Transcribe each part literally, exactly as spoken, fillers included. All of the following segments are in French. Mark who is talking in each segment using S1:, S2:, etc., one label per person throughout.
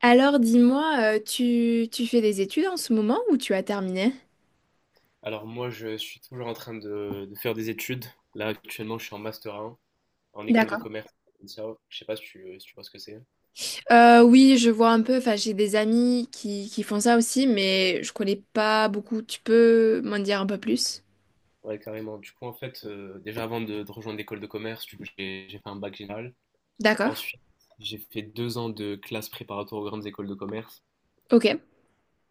S1: Alors dis-moi, euh, tu, tu fais des études en ce moment ou tu as terminé?
S2: Alors moi, je suis toujours en train de, de faire des études. Là, actuellement, je suis en master un en école de
S1: D'accord.
S2: commerce. Ça. Je sais pas si tu, si tu vois ce que c'est.
S1: Euh, oui, je vois un peu, enfin j'ai des amis qui, qui font ça aussi, mais je connais pas beaucoup. Tu peux m'en dire un peu plus?
S2: Ouais, carrément. Du coup, en fait, euh, déjà avant de, de rejoindre l'école de commerce, du coup, j'ai j'ai fait un bac général.
S1: D'accord,
S2: Ensuite, j'ai fait deux ans de classe préparatoire aux grandes écoles de commerce.
S1: ok.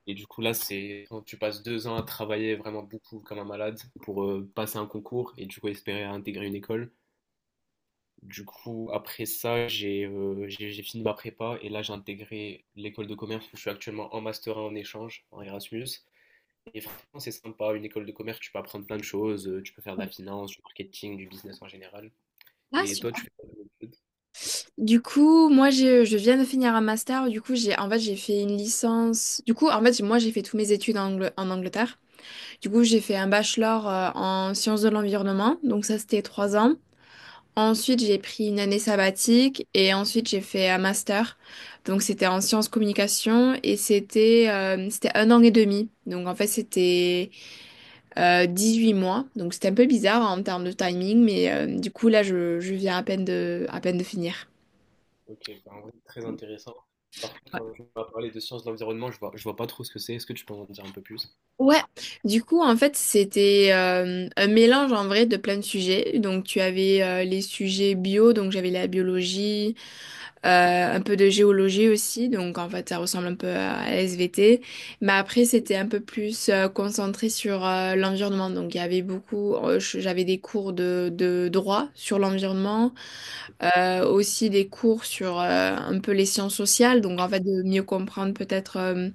S2: Et du coup, là, c'est quand tu passes deux ans à travailler vraiment beaucoup comme un malade pour euh, passer un concours et du coup espérer à intégrer une école. Du coup, après ça, j'ai euh, j'ai j'ai fini ma prépa et là, j'ai intégré l'école de commerce où je suis actuellement en master un en échange, en Erasmus. Et franchement, c'est sympa, une école de commerce, tu peux apprendre plein de choses, euh, tu peux faire de la finance, du marketing, du business en général.
S1: Ah,
S2: Et toi, tu
S1: super.
S2: fais quoi comme études?
S1: Du coup, moi, je, je viens de finir un master. Du coup, j'ai, en fait, j'ai fait une licence. Du coup, en fait, moi, j'ai fait tous mes études en, Angl- en Angleterre. Du coup, j'ai fait un bachelor euh, en sciences de l'environnement. Donc, ça, c'était trois ans. Ensuite, j'ai pris une année sabbatique et ensuite j'ai fait un master. Donc c'était en sciences communication et c'était euh, c'était un an et demi. Donc en fait c'était euh, huit mois. Donc c'était un peu bizarre en termes de timing, mais euh, du coup là je, je viens à peine de à peine de finir.
S2: Ok, bah, en vrai, très intéressant. Par contre, quand tu vas parler de sciences de l'environnement, je vois, je vois pas trop ce que c'est. Est-ce que tu peux en dire un peu plus?
S1: Ouais, du coup en fait c'était euh, un mélange en vrai de plein de sujets. Donc tu avais euh, les sujets bio, donc j'avais la biologie, euh, un peu de géologie aussi, donc en fait ça ressemble un peu à la S V T, mais après c'était un peu plus euh, concentré sur euh, l'environnement, donc il y avait beaucoup, euh, je- j'avais des cours de, de droit sur l'environnement, euh, aussi des cours sur euh, un peu les sciences sociales, donc en fait de mieux comprendre peut-être euh,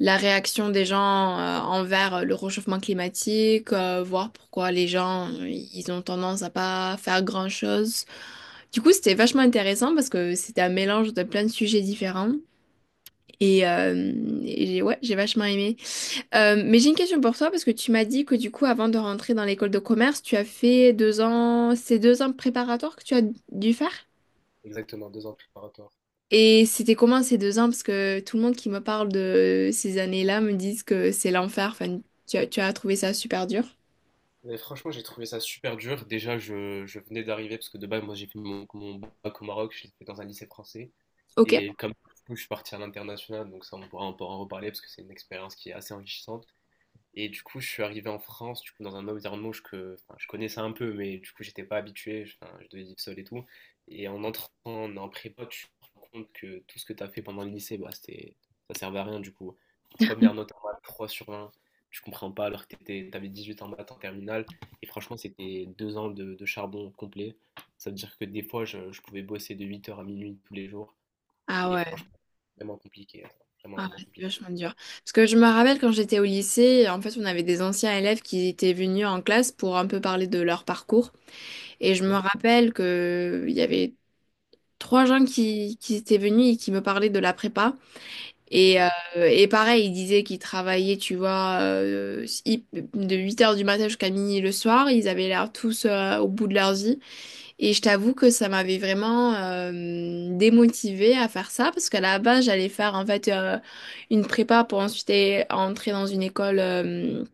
S1: la réaction des gens euh, envers euh, le réchauffement climatique, euh, voir pourquoi les gens, euh, ils ont tendance à pas faire grand-chose. Du coup, c'était vachement intéressant parce que c'était un mélange de plein de sujets différents. Et, euh, et j'ai, ouais, j'ai vachement aimé. Euh, mais j'ai une question pour toi parce que tu m'as dit que du coup, avant de rentrer dans l'école de commerce, tu as fait deux ans, c'est deux ans préparatoires que tu as dû faire?
S2: Exactement, deux ans préparatoire.
S1: Et c'était comment ces deux ans? Parce que tout le monde qui me parle de ces années-là me disent que c'est l'enfer. Enfin, tu as, tu as trouvé ça super dur.
S2: Mais franchement, j'ai trouvé ça super dur. Déjà, je, je venais d'arriver parce que de base, moi, j'ai fait mon, mon bac au Maroc, je l'ai fait dans un lycée français.
S1: Ok.
S2: Et comme du coup, je suis parti à l'international, donc ça, on pourra, on pourra en reparler parce que c'est une expérience qui est assez enrichissante. Et du coup, je suis arrivé en France, du coup, dans un environnement où je, que, enfin, je connaissais un peu, mais du coup, j'étais pas habitué, je- enfin, je devais vivre seul et tout. Et en entrant en, en prépa, tu te rends compte que tout ce que tu as fait pendant le lycée, bah, c'était, ça servait à rien, du coup. Première note en maths, trois sur vingt, tu comprends pas alors que tu avais huit en maths en terminale. Et franchement, c'était deux ans de, de charbon complet. Ça veut dire que des fois, je, je pouvais bosser de huit heures à minuit tous les jours.
S1: Ah
S2: Et
S1: ouais.
S2: franchement, vraiment compliqué, vraiment,
S1: Ah,
S2: vraiment
S1: ouais, c'est
S2: compliqué.
S1: vachement dur. Parce que je me rappelle quand j'étais au lycée, en fait, on avait des anciens élèves qui étaient venus en classe pour un peu parler de leur parcours. Et je me rappelle que il y avait trois gens qui, qui étaient venus et qui me parlaient de la prépa. Et, euh, et pareil, il disait qu'ils travaillaient, tu vois, euh, hi- de huit heures du matin jusqu'à minuit le soir. Ils avaient l'air tous euh, au bout de leur vie. Et je t'avoue que ça m'avait vraiment euh, démotivée à faire ça parce qu'à la base, j'allais faire en fait euh, une prépa pour ensuite eh, entrer dans une école euh,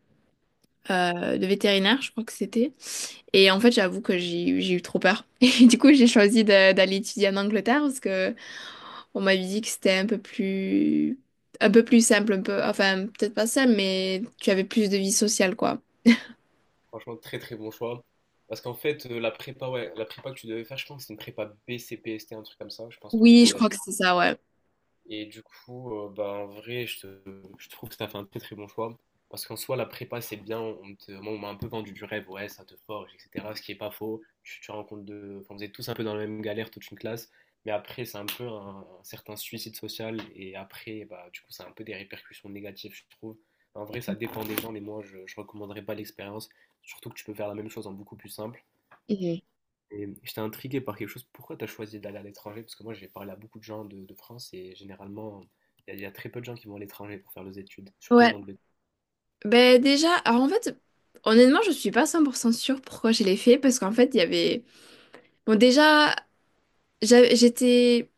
S1: euh, de vétérinaire, je crois que c'était. Et en fait, j'avoue que j'ai eu- j'ai eu trop peur. Et du coup, j'ai choisi de- d'aller étudier en Angleterre parce que on m'avait dit que c'était un peu plus, un peu plus simple, un peu, enfin, peut-être pas simple, mais tu avais plus de vie sociale, quoi.
S2: Franchement, très très bon choix. Parce qu'en fait, euh, la prépa, ouais, la prépa que tu devais faire, je pense que c'est une prépa B C P S T, un truc comme ça. Je pense qu'on en
S1: Oui, je
S2: avait
S1: crois que c'est ça, ouais.
S2: et du coup, euh, bah, en vrai, je, te- je trouve que ça fait un très très bon choix. Parce qu'en soi, la prépa, c'est bien. On te- moi, on m'a un peu vendu du rêve. Ouais, ça te forge, et cetera. Ce qui est pas faux. Tu, tu rencontres de. Enfin, vous êtes tous un peu dans la même galère, toute une classe. Mais après, c'est un peu un, un certain suicide social. Et après, bah, du coup, ça a un peu des répercussions négatives, je trouve. En vrai, ça dépend des gens. Mais moi, je, je recommanderais pas l'expérience. Surtout que tu peux faire la même chose en beaucoup plus simple.
S1: Mhm.
S2: Et j'étais intrigué par quelque chose. Pourquoi tu as choisi d'aller à l'étranger? Parce que moi, j'ai parlé à beaucoup de gens de, de France et généralement, il y, a il y a très peu de gens qui vont à l'étranger pour faire leurs études, surtout en
S1: Ouais.
S2: Angleterre.
S1: Ben, déjà, alors en fait, honnêtement, je suis pas cent pour cent sûre pourquoi je l'ai fait, parce qu'en fait, il y avait, bon, déjà, j'a- j'étais,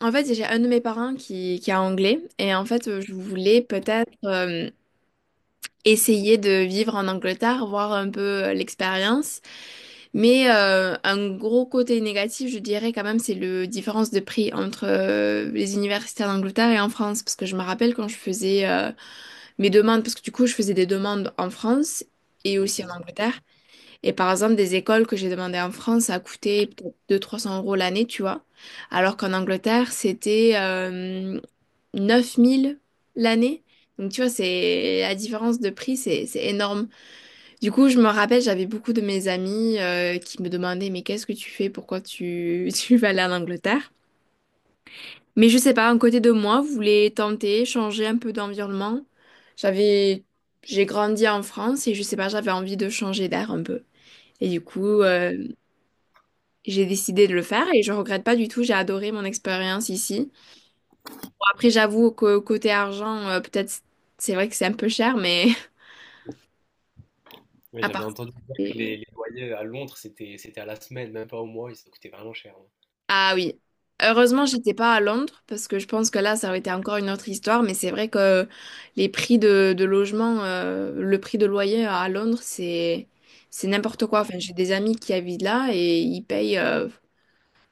S1: en fait, j'ai un de mes parents qui, qui est anglais, et en fait, euh, je voulais peut-être euh, essayer de vivre en Angleterre, voir un peu euh, l'expérience. Mais euh, un gros côté négatif, je dirais quand même, c'est le différence de prix entre euh, les universitaires d'Angleterre et en France. Parce que je me rappelle quand je faisais euh, mes demandes, parce que du coup, je faisais des demandes en France et aussi en
S2: Mhm.
S1: Angleterre. Et par exemple, des écoles que j'ai demandées en France, ça a coûté peut-être deux cents-trois cents euros l'année, tu vois. Alors qu'en Angleterre, c'était euh, neuf mille l'année. Donc, tu vois, c'est la différence de prix, c'est c'est énorme. Du coup, je me rappelle, j'avais beaucoup de mes amis euh, qui me demandaient, mais qu'est-ce que tu fais? Pourquoi tu, tu vas aller en Angleterre? Mais je sais pas, un côté de moi voulait tenter, changer un peu d'environnement. J'avais, j'ai grandi en France et je sais pas, j'avais envie de changer d'air un peu. Et du coup, euh, j'ai décidé de le faire et je regrette pas du tout. J'ai adoré mon expérience ici. Bon, après, j'avoue que côté argent, euh, peut-être c'est vrai que c'est un peu cher, mais
S2: Ouais,
S1: à
S2: j'avais
S1: part.
S2: entendu dire que les, les loyers à Londres, c'était, c'était à la semaine, même pas au mois, et ça coûtait vraiment cher, hein.
S1: Ah oui. Heureusement, j'étais pas à Londres parce que je pense que là, ça aurait été encore une autre histoire. Mais c'est vrai que les prix de, de logement, euh, le prix de loyer à Londres, c'est c'est n'importe quoi. Enfin, j'ai des amis qui habitent là et ils payent. euh,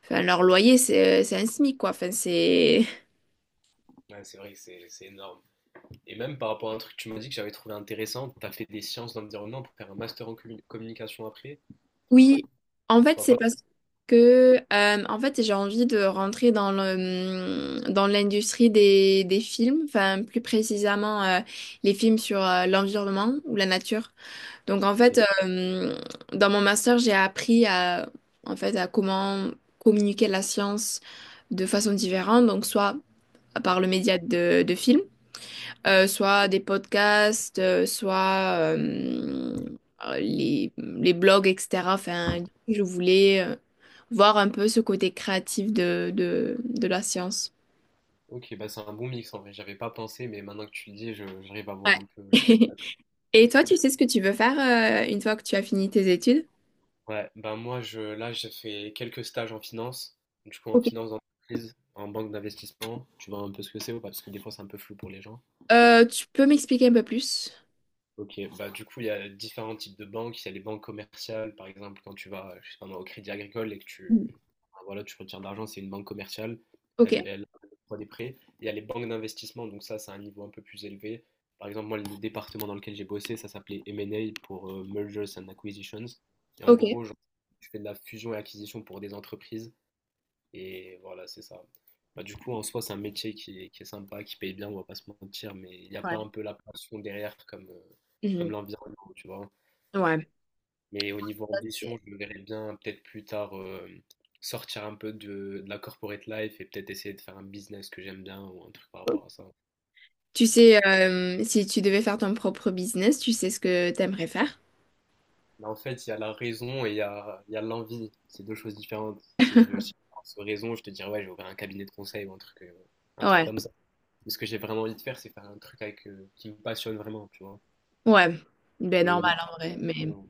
S1: enfin, leur loyer, c'est c'est un SMIC, quoi. Enfin, c'est.
S2: Ouais, c'est vrai que c'est, c'est énorme. Et même par rapport à un truc que tu m'as dit que j'avais trouvé intéressant, tu as fait des sciences de l'environnement pour faire un master en commu- communication après. Enfin,
S1: Oui. En
S2: je
S1: fait,
S2: vois
S1: c'est
S2: pas.
S1: parce que euh, en fait, j'ai envie de rentrer dans le hum, dans l'industrie des des films. Enfin, plus précisément, euh, les films sur euh, l'environnement ou la nature. Donc en fait,
S2: Ok.
S1: euh, dans mon master, j'ai appris à, en fait, à comment communiquer la science de façon différente, donc soit par le média de, de films, euh, soit des podcasts, euh, soit euh, euh, les, les blogs, et cetera. Enfin, si je voulais euh, voir un peu ce côté créatif de, de, de la science.
S2: Ok, bah c'est un bon mix en vrai. J'avais pas pensé, mais maintenant que tu le dis, je- j'arrive à
S1: Ouais.
S2: voir un peu la.
S1: Et toi, tu sais ce que tu veux faire euh, une fois que tu as fini tes études?
S2: Ouais, bah moi je là j'ai fait quelques stages en finance, du coup en
S1: Ok.
S2: finance d'entreprise, en banque d'investissement, tu vois un peu ce que c'est ou pas, parce que des fois c'est un peu flou pour les gens.
S1: Euh, tu peux m'expliquer un peu plus?
S2: Ok, bah du coup, il y a différents types de banques. Il y a les banques commerciales, par exemple, quand tu vas, je sais pas moi, au Crédit Agricole et que tu, enfin, voilà, tu retires de l'argent, c'est une banque commerciale.
S1: Ok,
S2: Elle, elle octroie des prêts. Il y a les banques d'investissement, donc ça, c'est un niveau un peu plus élevé. Par exemple, moi, le département dans lequel j'ai bossé, ça s'appelait M and A pour euh, Mergers and Acquisitions. Et en
S1: ok.
S2: gros, genre, tu fais de la fusion et acquisition pour des entreprises. Et voilà, c'est ça. Bah, du coup, en soi, c'est un métier qui est, qui est sympa, qui paye bien, on va pas se mentir, mais il n'y a
S1: Ouais.
S2: pas un peu la passion derrière comme, euh, comme
S1: Mhm.
S2: l'environnement, tu vois.
S1: Ouais.
S2: Mais au niveau
S1: Ça,
S2: ambition,
S1: c'est-
S2: je me verrais bien peut-être plus tard euh, sortir un peu de, de la corporate life et peut-être essayer de faire un business que j'aime bien ou un truc par rapport à ça.
S1: Tu sais, euh, si tu devais faire ton propre business, tu sais ce que t'aimerais faire?
S2: Mais en fait, il y a la raison et il y a, il y a l'envie. C'est deux choses différentes. Si je veux aussi avoir raison, je te dirais, ouais, j'ai ouvert un cabinet de conseil ou un truc, euh, un truc
S1: Ouais.
S2: comme ça. Mais ce que j'ai vraiment envie de faire, c'est faire un truc avec, euh, qui me passionne vraiment, tu vois.
S1: Ouais. Ben
S2: Et
S1: normal en
S2: honnêtement,
S1: vrai. Mais.
S2: on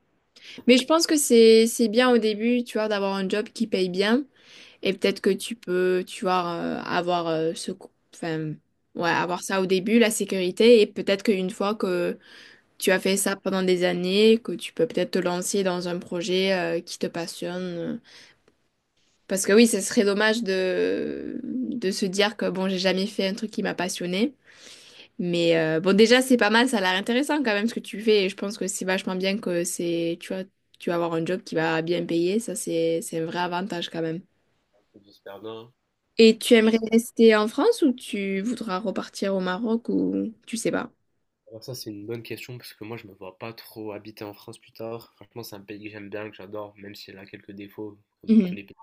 S1: Mais je pense que c'est c'est bien au début, tu vois, d'avoir un job qui paye bien et peut-être que tu peux, tu vois, euh, avoir euh, ce co- enfin ouais, avoir ça au début, la sécurité et peut-être qu'une fois que tu as fait ça pendant des années, que tu peux peut-être te lancer dans un projet euh, qui te passionne. euh, Parce que oui, ce serait dommage de, de se dire que bon, j'ai jamais fait un truc qui m'a passionné. Mais euh, bon, déjà, c'est pas mal, ça a l'air intéressant quand même ce que tu fais. Et je pense que c'est vachement bien que c'est, tu vois, tu vas avoir un job qui va bien payer. Ça, c'est, c'est un vrai avantage quand même.
S2: peut dire super bien.
S1: Et tu
S2: Et
S1: aimerais rester en France ou tu voudras repartir au Maroc ou tu sais pas?
S2: alors ça, c'est une bonne question parce que moi, je me vois pas trop habiter en France plus tard. Franchement, c'est un pays que j'aime bien, que j'adore, même s'il a quelques défauts, comme tous
S1: Mhm.
S2: les pays.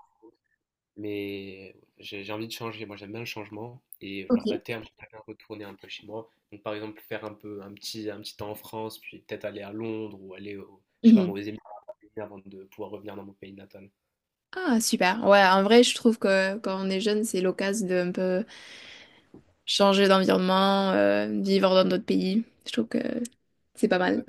S2: Mais j'ai j'ai envie de changer. Moi, j'aime bien le changement. Et
S1: Ok.
S2: genre, à terme, j'aimerais bien retourner un peu chez moi. Donc, par exemple, faire un peu un petit, un petit temps en France, puis peut-être aller à Londres ou aller au, je sais pas, moi,
S1: Mhm.
S2: aux Émirats avant de pouvoir revenir dans mon pays natal.
S1: Ah, super. Ouais, en vrai, je trouve que quand on est jeune, c'est l'occasion de un peu changer d'environnement, euh, vivre dans d'autres pays. Je trouve que c'est pas mal.
S2: Exact.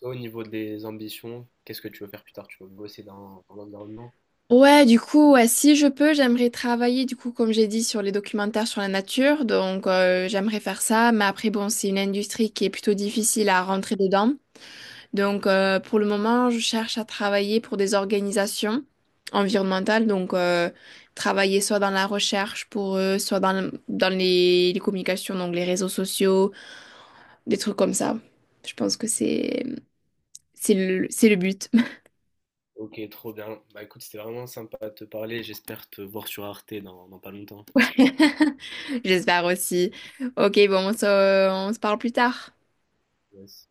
S2: Toi, au niveau des ambitions, qu'est-ce que tu veux faire plus tard? Tu veux bosser dans, dans l'environnement?
S1: Ouais, du coup, ouais, si je peux, j'aimerais travailler, du coup, comme j'ai dit, sur les documentaires sur la nature. Donc, euh, j'aimerais faire ça. Mais après, bon, c'est une industrie qui est plutôt difficile à rentrer dedans. Donc, euh, pour le moment, je cherche à travailler pour des organisations environnementales. Donc, euh, travailler soit dans la recherche pour eux, soit dans, le- dans les, les communications, donc les réseaux sociaux, des trucs comme ça. Je pense que c'est, c'est le, c'est le but.
S2: Ok, trop bien. Bah écoute, c'était vraiment sympa de te parler. J'espère te voir sur Arte dans, dans pas longtemps.
S1: J'espère aussi. Ok, bon, on se, on se parle plus tard.
S2: Yes.